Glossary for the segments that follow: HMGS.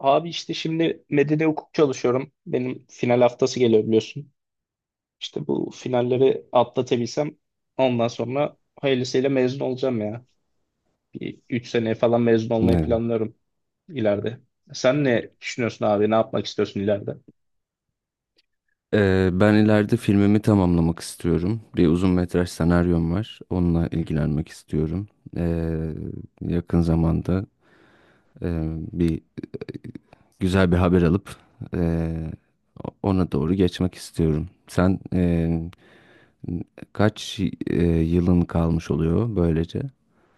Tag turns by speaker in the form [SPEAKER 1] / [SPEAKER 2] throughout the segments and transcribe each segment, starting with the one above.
[SPEAKER 1] Abi işte şimdi medeni hukuk çalışıyorum. Benim final haftası geliyor biliyorsun. İşte bu finalleri atlatabilsem ondan sonra hayırlısıyla mezun olacağım ya. Bir 3 seneye falan mezun olmayı
[SPEAKER 2] Ne?
[SPEAKER 1] planlıyorum ileride. Sen ne düşünüyorsun abi? Ne yapmak istiyorsun ileride?
[SPEAKER 2] Ben ileride filmimi tamamlamak istiyorum. Bir uzun metraj senaryom var. Onunla ilgilenmek istiyorum. Ee, Yakın zamanda bir güzel bir haber alıp e, ona doğru geçmek istiyorum. Sen kaç yılın kalmış oluyor böylece?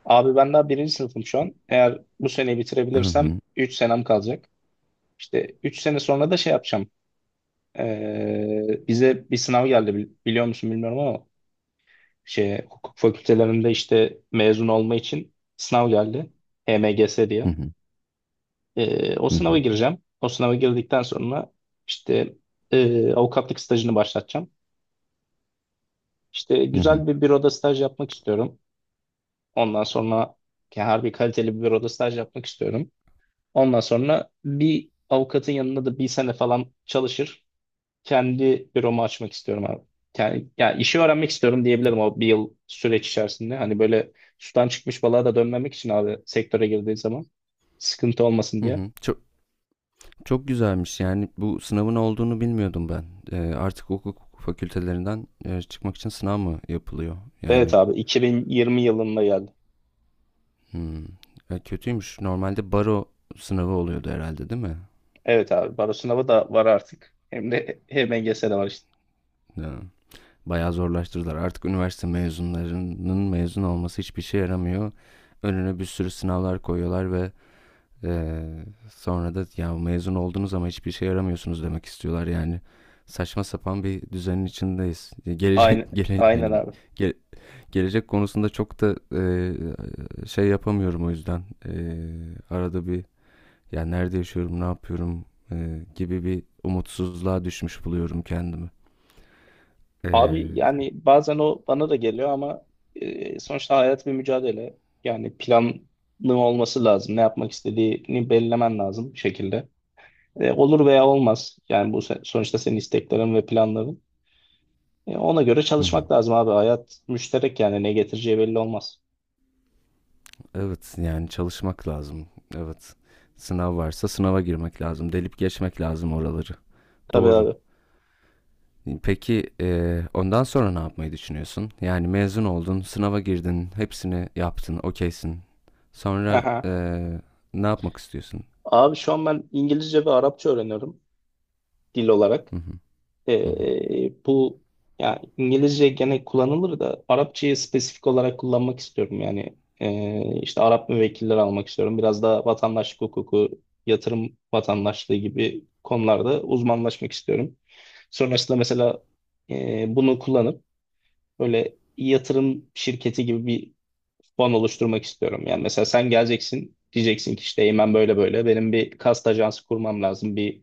[SPEAKER 1] Abi ben daha birinci sınıfım şu an. Eğer bu seneyi
[SPEAKER 2] Hı
[SPEAKER 1] bitirebilirsem
[SPEAKER 2] hı,
[SPEAKER 1] 3 senem kalacak. İşte 3 sene sonra da şey yapacağım. Bize bir sınav geldi biliyor musun bilmiyorum ama şey hukuk fakültelerinde işte mezun olma için sınav geldi. HMGS
[SPEAKER 2] hı
[SPEAKER 1] diye.
[SPEAKER 2] hı,
[SPEAKER 1] O
[SPEAKER 2] hı hı,
[SPEAKER 1] sınava gireceğim. O sınava girdikten sonra işte avukatlık stajını başlatacağım. İşte
[SPEAKER 2] hı hı,
[SPEAKER 1] güzel bir büroda staj yapmak istiyorum. Ondan sonra yani harbi kaliteli bir büroda staj yapmak istiyorum. Ondan sonra bir avukatın yanında da bir sene falan çalışır, kendi büromu açmak istiyorum abi. Yani işi öğrenmek istiyorum diyebilirim o bir yıl süreç içerisinde. Hani böyle sudan çıkmış balığa da dönmemek için abi sektöre girdiği zaman sıkıntı olmasın
[SPEAKER 2] hı
[SPEAKER 1] diye.
[SPEAKER 2] hı. Çok güzelmiş, yani bu sınavın olduğunu bilmiyordum ben. Artık hukuk fakültelerinden çıkmak için sınav mı yapılıyor?
[SPEAKER 1] Evet
[SPEAKER 2] Yani
[SPEAKER 1] abi 2020 yılında geldi.
[SPEAKER 2] hmm, kötüymüş. Normalde baro sınavı oluyordu herhalde, değil mi?
[SPEAKER 1] Evet abi baro sınavı da var artık. Hem de HMGS de var işte.
[SPEAKER 2] Ya, bayağı zorlaştırdılar. Artık üniversite mezunlarının mezun olması hiçbir şey yaramıyor. Önüne bir sürü sınavlar koyuyorlar ve e, sonra da ya mezun oldunuz ama hiçbir şey yaramıyorsunuz demek istiyorlar yani. Saçma sapan bir düzenin içindeyiz.
[SPEAKER 1] Aynen, aynen
[SPEAKER 2] Yani
[SPEAKER 1] abi.
[SPEAKER 2] Ge- gelecek konusunda çok da şey yapamıyorum o yüzden. E, arada bir ya nerede yaşıyorum, ne yapıyorum, gibi bir umutsuzluğa düşmüş buluyorum kendimi. E,
[SPEAKER 1] Abi yani bazen o bana da geliyor ama sonuçta hayat bir mücadele. Yani planlı olması lazım. Ne yapmak istediğini belirlemen lazım bir şekilde. Olur veya olmaz. Yani bu sonuçta senin isteklerin ve planların. Ona göre
[SPEAKER 2] hı hı.
[SPEAKER 1] çalışmak lazım abi. Hayat müşterek yani ne getireceği belli olmaz.
[SPEAKER 2] Evet, yani çalışmak lazım. Evet. Sınav varsa sınava girmek lazım. Delip geçmek lazım oraları.
[SPEAKER 1] Tabii
[SPEAKER 2] Doğru.
[SPEAKER 1] abi.
[SPEAKER 2] Peki, ondan sonra ne yapmayı düşünüyorsun? Yani mezun oldun, sınava girdin, hepsini yaptın, okeysin. Sonra
[SPEAKER 1] Aha.
[SPEAKER 2] ne yapmak istiyorsun?
[SPEAKER 1] Abi şu an ben İngilizce ve Arapça öğreniyorum dil olarak.
[SPEAKER 2] Hı hı. Hı hı.
[SPEAKER 1] Bu yani İngilizce gene kullanılır da Arapçayı spesifik olarak kullanmak istiyorum. Yani işte Arap müvekkilleri almak istiyorum. Biraz da vatandaşlık hukuku, yatırım vatandaşlığı gibi konularda uzmanlaşmak istiyorum. Sonrasında mesela bunu kullanıp böyle yatırım şirketi gibi bir fon oluşturmak istiyorum. Yani mesela sen geleceksin diyeceksin ki işte Eymen böyle böyle benim bir kast ajansı kurmam lazım. Bir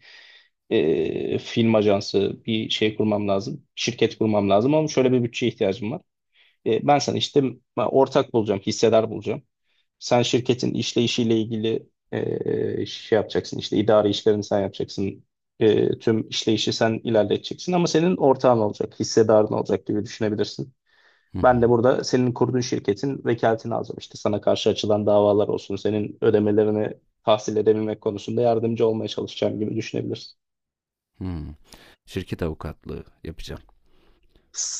[SPEAKER 1] film ajansı bir şey kurmam lazım. Şirket kurmam lazım ama şöyle bir bütçeye ihtiyacım var. Ben sana işte ortak bulacağım, hissedar bulacağım. Sen şirketin işleyişiyle ilgili şey yapacaksın, işte idari işlerini sen yapacaksın. Tüm işleyişi sen ilerleteceksin ama senin ortağın olacak, hissedarın olacak gibi düşünebilirsin.
[SPEAKER 2] Hı
[SPEAKER 1] Ben de
[SPEAKER 2] hı.
[SPEAKER 1] burada senin kurduğun şirketin vekaletini alacağım. İşte sana karşı açılan davalar olsun, senin ödemelerini tahsil edebilmek konusunda yardımcı olmaya çalışacağım gibi düşünebilirsin.
[SPEAKER 2] Hımm. Şirket avukatlığı yapacağım,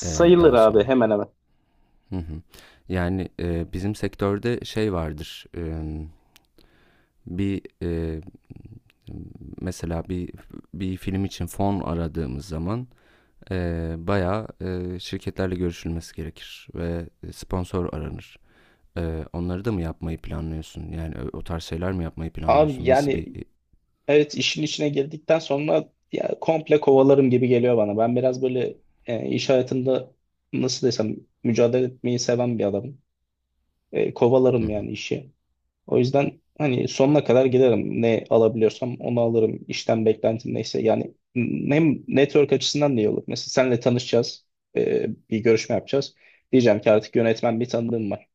[SPEAKER 2] daha
[SPEAKER 1] abi
[SPEAKER 2] sonra.
[SPEAKER 1] hemen hemen.
[SPEAKER 2] Hı hı. Bizim sektörde şey vardır, bir, mesela bir film için fon aradığımız zaman, bayağı, şirketlerle görüşülmesi gerekir ve sponsor aranır. Onları da mı yapmayı planlıyorsun? Yani, o tarz şeyler mi yapmayı
[SPEAKER 1] Abi
[SPEAKER 2] planlıyorsun? Nasıl
[SPEAKER 1] yani
[SPEAKER 2] bir,
[SPEAKER 1] evet işin içine girdikten sonra ya, komple kovalarım gibi geliyor bana. Ben biraz böyle iş hayatında nasıl desem mücadele etmeyi seven bir adamım.
[SPEAKER 2] hı
[SPEAKER 1] Kovalarım
[SPEAKER 2] hı.
[SPEAKER 1] yani işi. O yüzden hani sonuna kadar giderim. Ne alabiliyorsam onu alırım. İşten beklentim neyse. Yani hem network açısından da iyi olur. Mesela senle tanışacağız, bir görüşme yapacağız. Diyeceğim ki artık yönetmen bir tanıdığım var.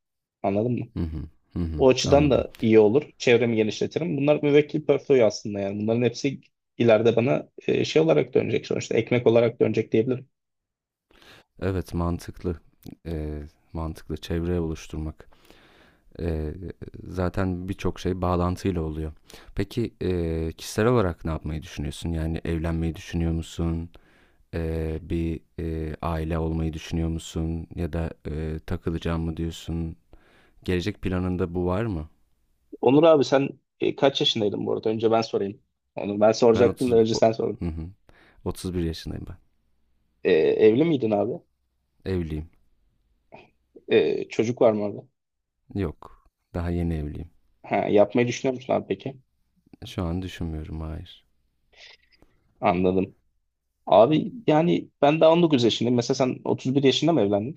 [SPEAKER 1] Anladın mı?
[SPEAKER 2] Hı hı. Hı hı.
[SPEAKER 1] O açıdan
[SPEAKER 2] Anladım.
[SPEAKER 1] da iyi olur. Çevremi genişletirim. Bunlar müvekkil portföy aslında yani. Bunların hepsi ileride bana şey olarak dönecek sonuçta. Ekmek olarak dönecek diyebilirim.
[SPEAKER 2] Evet, mantıklı. Eee, mantıklı çevre oluşturmak. Eee, zaten birçok şey bağlantıyla oluyor. Peki, kişisel olarak ne yapmayı düşünüyorsun? Yani evlenmeyi düşünüyor musun? Bir, aile olmayı düşünüyor musun? Ya da, takılacağım mı diyorsun? Gelecek planında bu var mı?
[SPEAKER 1] Onur abi sen kaç yaşındaydın bu arada? Önce ben sorayım. Onu ben
[SPEAKER 2] Ben
[SPEAKER 1] soracaktım da
[SPEAKER 2] 30
[SPEAKER 1] önce
[SPEAKER 2] o
[SPEAKER 1] sen sordun.
[SPEAKER 2] Hı hı. 31 yaşındayım ben.
[SPEAKER 1] Evli miydin abi?
[SPEAKER 2] Evliyim.
[SPEAKER 1] Çocuk var mı orada?
[SPEAKER 2] Yok, daha yeni evliyim.
[SPEAKER 1] Ha, yapmayı düşünüyor musun abi peki?
[SPEAKER 2] Şu an düşünmüyorum, hayır.
[SPEAKER 1] Anladım. Abi yani ben daha 19 yaşındayım. Mesela sen 31 yaşında mı evlendin?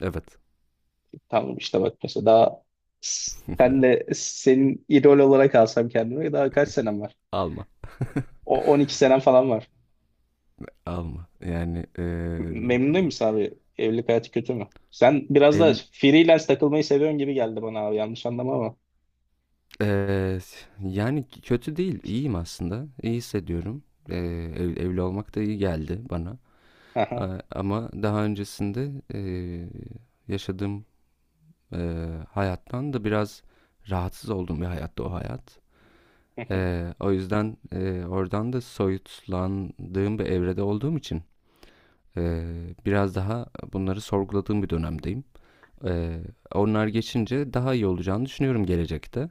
[SPEAKER 2] Evet.
[SPEAKER 1] Tamam işte bak mesela daha senle, senin idol olarak alsam kendime, daha kaç senem var?
[SPEAKER 2] Alma.
[SPEAKER 1] O 12 senem falan var.
[SPEAKER 2] Alma. Yani
[SPEAKER 1] Memnun değil misin abi? Evlilik hayatı kötü mü? Sen biraz da
[SPEAKER 2] ev,
[SPEAKER 1] freelance takılmayı seviyorsun gibi geldi bana abi, yanlış anlama ama.
[SPEAKER 2] eee, yani kötü değil. İyiyim aslında. İyi hissediyorum. Eee, evli olmak da iyi geldi bana.
[SPEAKER 1] Aha.
[SPEAKER 2] Ama daha öncesinde yaşadığım hayattan da biraz rahatsız olduğum bir hayattı o hayat. O yüzden oradan da soyutlandığım bir evrede olduğum için biraz daha bunları sorguladığım bir dönemdeyim. Eee, onlar geçince daha iyi olacağını düşünüyorum gelecekte.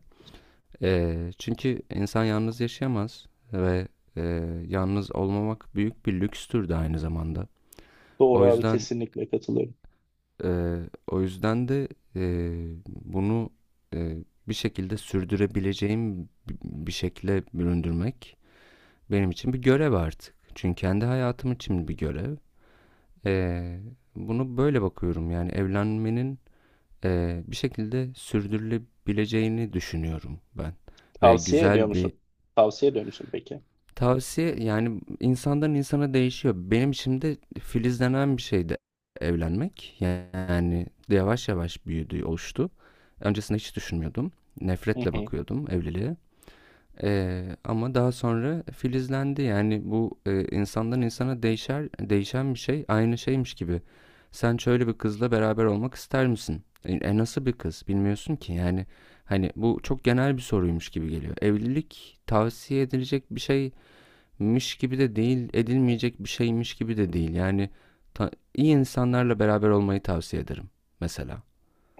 [SPEAKER 2] Çünkü insan yalnız yaşayamaz ve eee, yalnız olmamak büyük bir lükstür de aynı zamanda.
[SPEAKER 1] Doğru
[SPEAKER 2] O
[SPEAKER 1] abi,
[SPEAKER 2] yüzden
[SPEAKER 1] kesinlikle katılıyorum.
[SPEAKER 2] eee, o yüzden de eee, bunu eee, bir şekilde sürdürebileceğim bir şekilde büründürmek benim için bir görev artık. Çünkü kendi hayatım için bir görev. Eee, bunu böyle bakıyorum, yani evlenmenin bir şekilde sürdürülebileceğini düşünüyorum ben ve
[SPEAKER 1] Tavsiye ediyor
[SPEAKER 2] güzel bir
[SPEAKER 1] musun? Tavsiye ediyor musun peki?
[SPEAKER 2] tavsiye, yani insandan insana değişiyor. Benim şimdi filizlenen bir şeydi evlenmek. Yani yavaş yavaş büyüdü, oluştu. Öncesinde hiç düşünmüyordum. Nefretle bakıyordum evliliğe. Ama daha sonra filizlendi. Yani bu insandan insana değişen bir şey aynı şeymiş gibi. Sen şöyle bir kızla beraber olmak ister misin? Nasıl bir kız bilmiyorsun ki. Yani hani bu çok genel bir soruymuş gibi geliyor. Evlilik tavsiye edilecek bir şey miş gibi de değil, edilmeyecek bir şeymiş gibi de değil. Yani iyi insanlarla beraber olmayı tavsiye ederim mesela.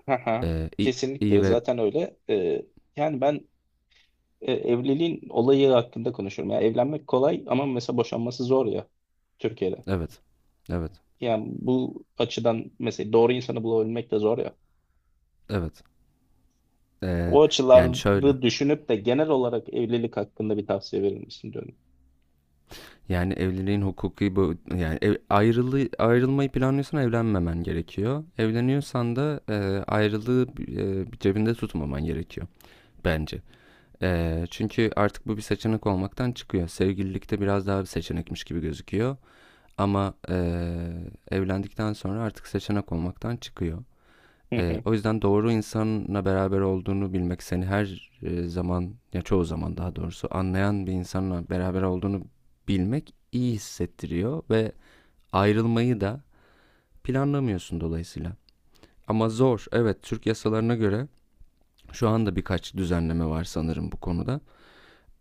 [SPEAKER 1] Haha.
[SPEAKER 2] İyi
[SPEAKER 1] Kesinlikle
[SPEAKER 2] ve
[SPEAKER 1] zaten öyle. Yani ben evliliğin olayı hakkında konuşuyorum. Yani evlenmek kolay ama mesela boşanması zor ya, Türkiye'de.
[SPEAKER 2] evet, evet,
[SPEAKER 1] Yani bu açıdan mesela doğru insanı bulabilmek de zor ya.
[SPEAKER 2] evet. Ee,
[SPEAKER 1] O
[SPEAKER 2] yani şöyle,
[SPEAKER 1] açıları düşünüp de genel olarak evlilik hakkında bir tavsiye verir misin diyorum.
[SPEAKER 2] yani evliliğin hukuki bu, ayrılmayı planlıyorsan evlenmemen gerekiyor. Evleniyorsan da ayrılığı cebinde tutmaman gerekiyor bence. E, çünkü artık bu bir seçenek olmaktan çıkıyor. Sevgililikte biraz daha bir seçenekmiş gibi gözüküyor. Ama evlendikten sonra artık seçenek olmaktan çıkıyor.
[SPEAKER 1] Hı hı.
[SPEAKER 2] O yüzden doğru insanla beraber olduğunu bilmek seni her zaman ya çoğu zaman daha doğrusu anlayan bir insanla beraber olduğunu bilmek iyi hissettiriyor ve ayrılmayı da planlamıyorsun dolayısıyla. Ama zor. Evet, Türk yasalarına göre şu anda birkaç düzenleme var sanırım bu konuda.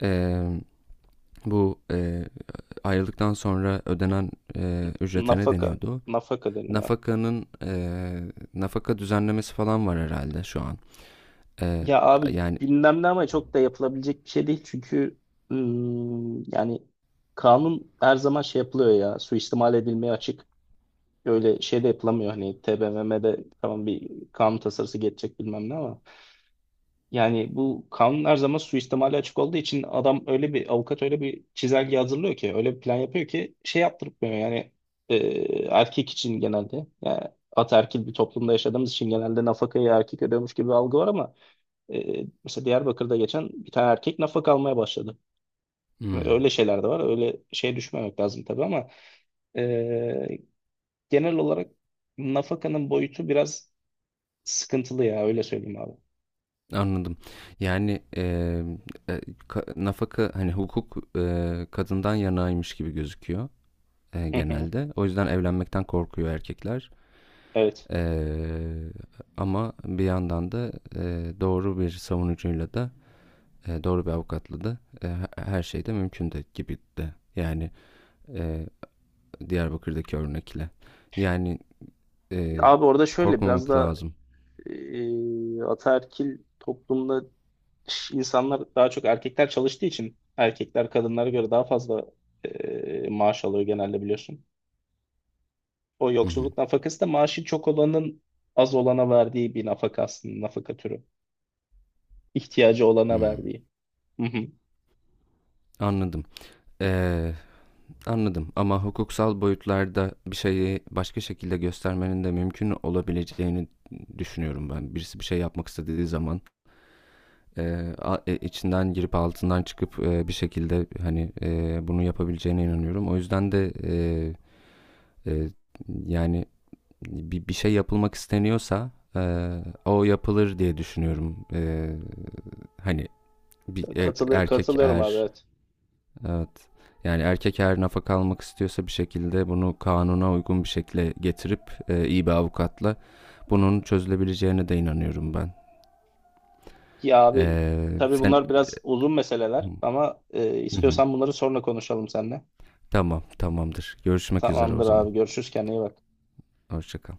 [SPEAKER 2] Eee, bu ayrıldıktan sonra ödenen ücrete ne
[SPEAKER 1] Nafaka,
[SPEAKER 2] deniyordu?
[SPEAKER 1] nafaka deniyor.
[SPEAKER 2] nafakanın e, Nafaka düzenlemesi falan var herhalde şu an. E,
[SPEAKER 1] Ya abi
[SPEAKER 2] yani
[SPEAKER 1] gündemde ama çok da yapılabilecek bir şey değil çünkü yani kanun her zaman şey yapılıyor ya, suistimal edilmeye açık. Öyle şey de yapılamıyor, hani TBMM'de tamam bir kanun tasarısı geçecek bilmem ne ama yani bu kanun her zaman suistimale açık olduğu için adam öyle bir avukat öyle bir çizelge hazırlıyor ki öyle bir plan yapıyor ki şey yaptırmıyor yani. e, Erkek için genelde yani, ataerkil bir toplumda yaşadığımız için genelde nafakayı erkek ödüyormuş gibi bir algı var ama mesela Diyarbakır'da geçen bir tane erkek nafaka almaya başladı.
[SPEAKER 2] hmm.
[SPEAKER 1] Öyle şeyler de var, öyle şeye düşmemek lazım tabii ama ee, genel olarak nafakanın boyutu biraz sıkıntılı ya, öyle söyleyeyim abi.
[SPEAKER 2] Anladım. Yani e, nafaka hani hukuk kadından yanaymış gibi gözüküyor
[SPEAKER 1] Hı hı.
[SPEAKER 2] genelde. O yüzden evlenmekten korkuyor erkekler.
[SPEAKER 1] Evet.
[SPEAKER 2] E, ama bir yandan da doğru bir savunucuyla da doğru bir avukatla da her şey de mümkün de gibi de. Yani e, Diyarbakır'daki örnekle. Yani Ee,
[SPEAKER 1] Abi orada şöyle biraz
[SPEAKER 2] korkmamak
[SPEAKER 1] da
[SPEAKER 2] lazım.
[SPEAKER 1] ataerkil toplumda insanlar daha çok, erkekler çalıştığı için erkekler kadınlara göre daha fazla maaş alıyor genelde biliyorsun. O
[SPEAKER 2] Hı hı.
[SPEAKER 1] yoksulluk nafakası da maaşı çok olanın az olana verdiği bir nafaka aslında, nafaka türü. İhtiyacı olana
[SPEAKER 2] Hmm.
[SPEAKER 1] verdiği. Hı hı.
[SPEAKER 2] Anladım. Ee, anladım, ama hukuksal boyutlarda bir şeyi başka şekilde göstermenin de mümkün olabileceğini düşünüyorum ben. Birisi bir şey yapmak istediği zaman e, içinden girip altından çıkıp bir şekilde hani bunu yapabileceğine inanıyorum. O yüzden de e, yani bir şey yapılmak isteniyorsa e, o yapılır diye düşünüyorum. Hani bir erkek
[SPEAKER 1] Katılıyorum abi
[SPEAKER 2] eğer
[SPEAKER 1] evet.
[SPEAKER 2] evet. Yani erkek her nafaka almak istiyorsa bir şekilde bunu kanuna uygun bir şekilde getirip iyi bir avukatla bunun çözülebileceğine de inanıyorum ben.
[SPEAKER 1] Ya abi tabii
[SPEAKER 2] Sen...
[SPEAKER 1] bunlar biraz uzun meseleler ama
[SPEAKER 2] Hı hı.
[SPEAKER 1] istiyorsan bunları sonra konuşalım seninle.
[SPEAKER 2] Tamam, tamamdır. Görüşmek üzere o
[SPEAKER 1] Tamamdır
[SPEAKER 2] zaman.
[SPEAKER 1] abi, görüşürüz, kendine iyi bak.
[SPEAKER 2] Hoşça kal.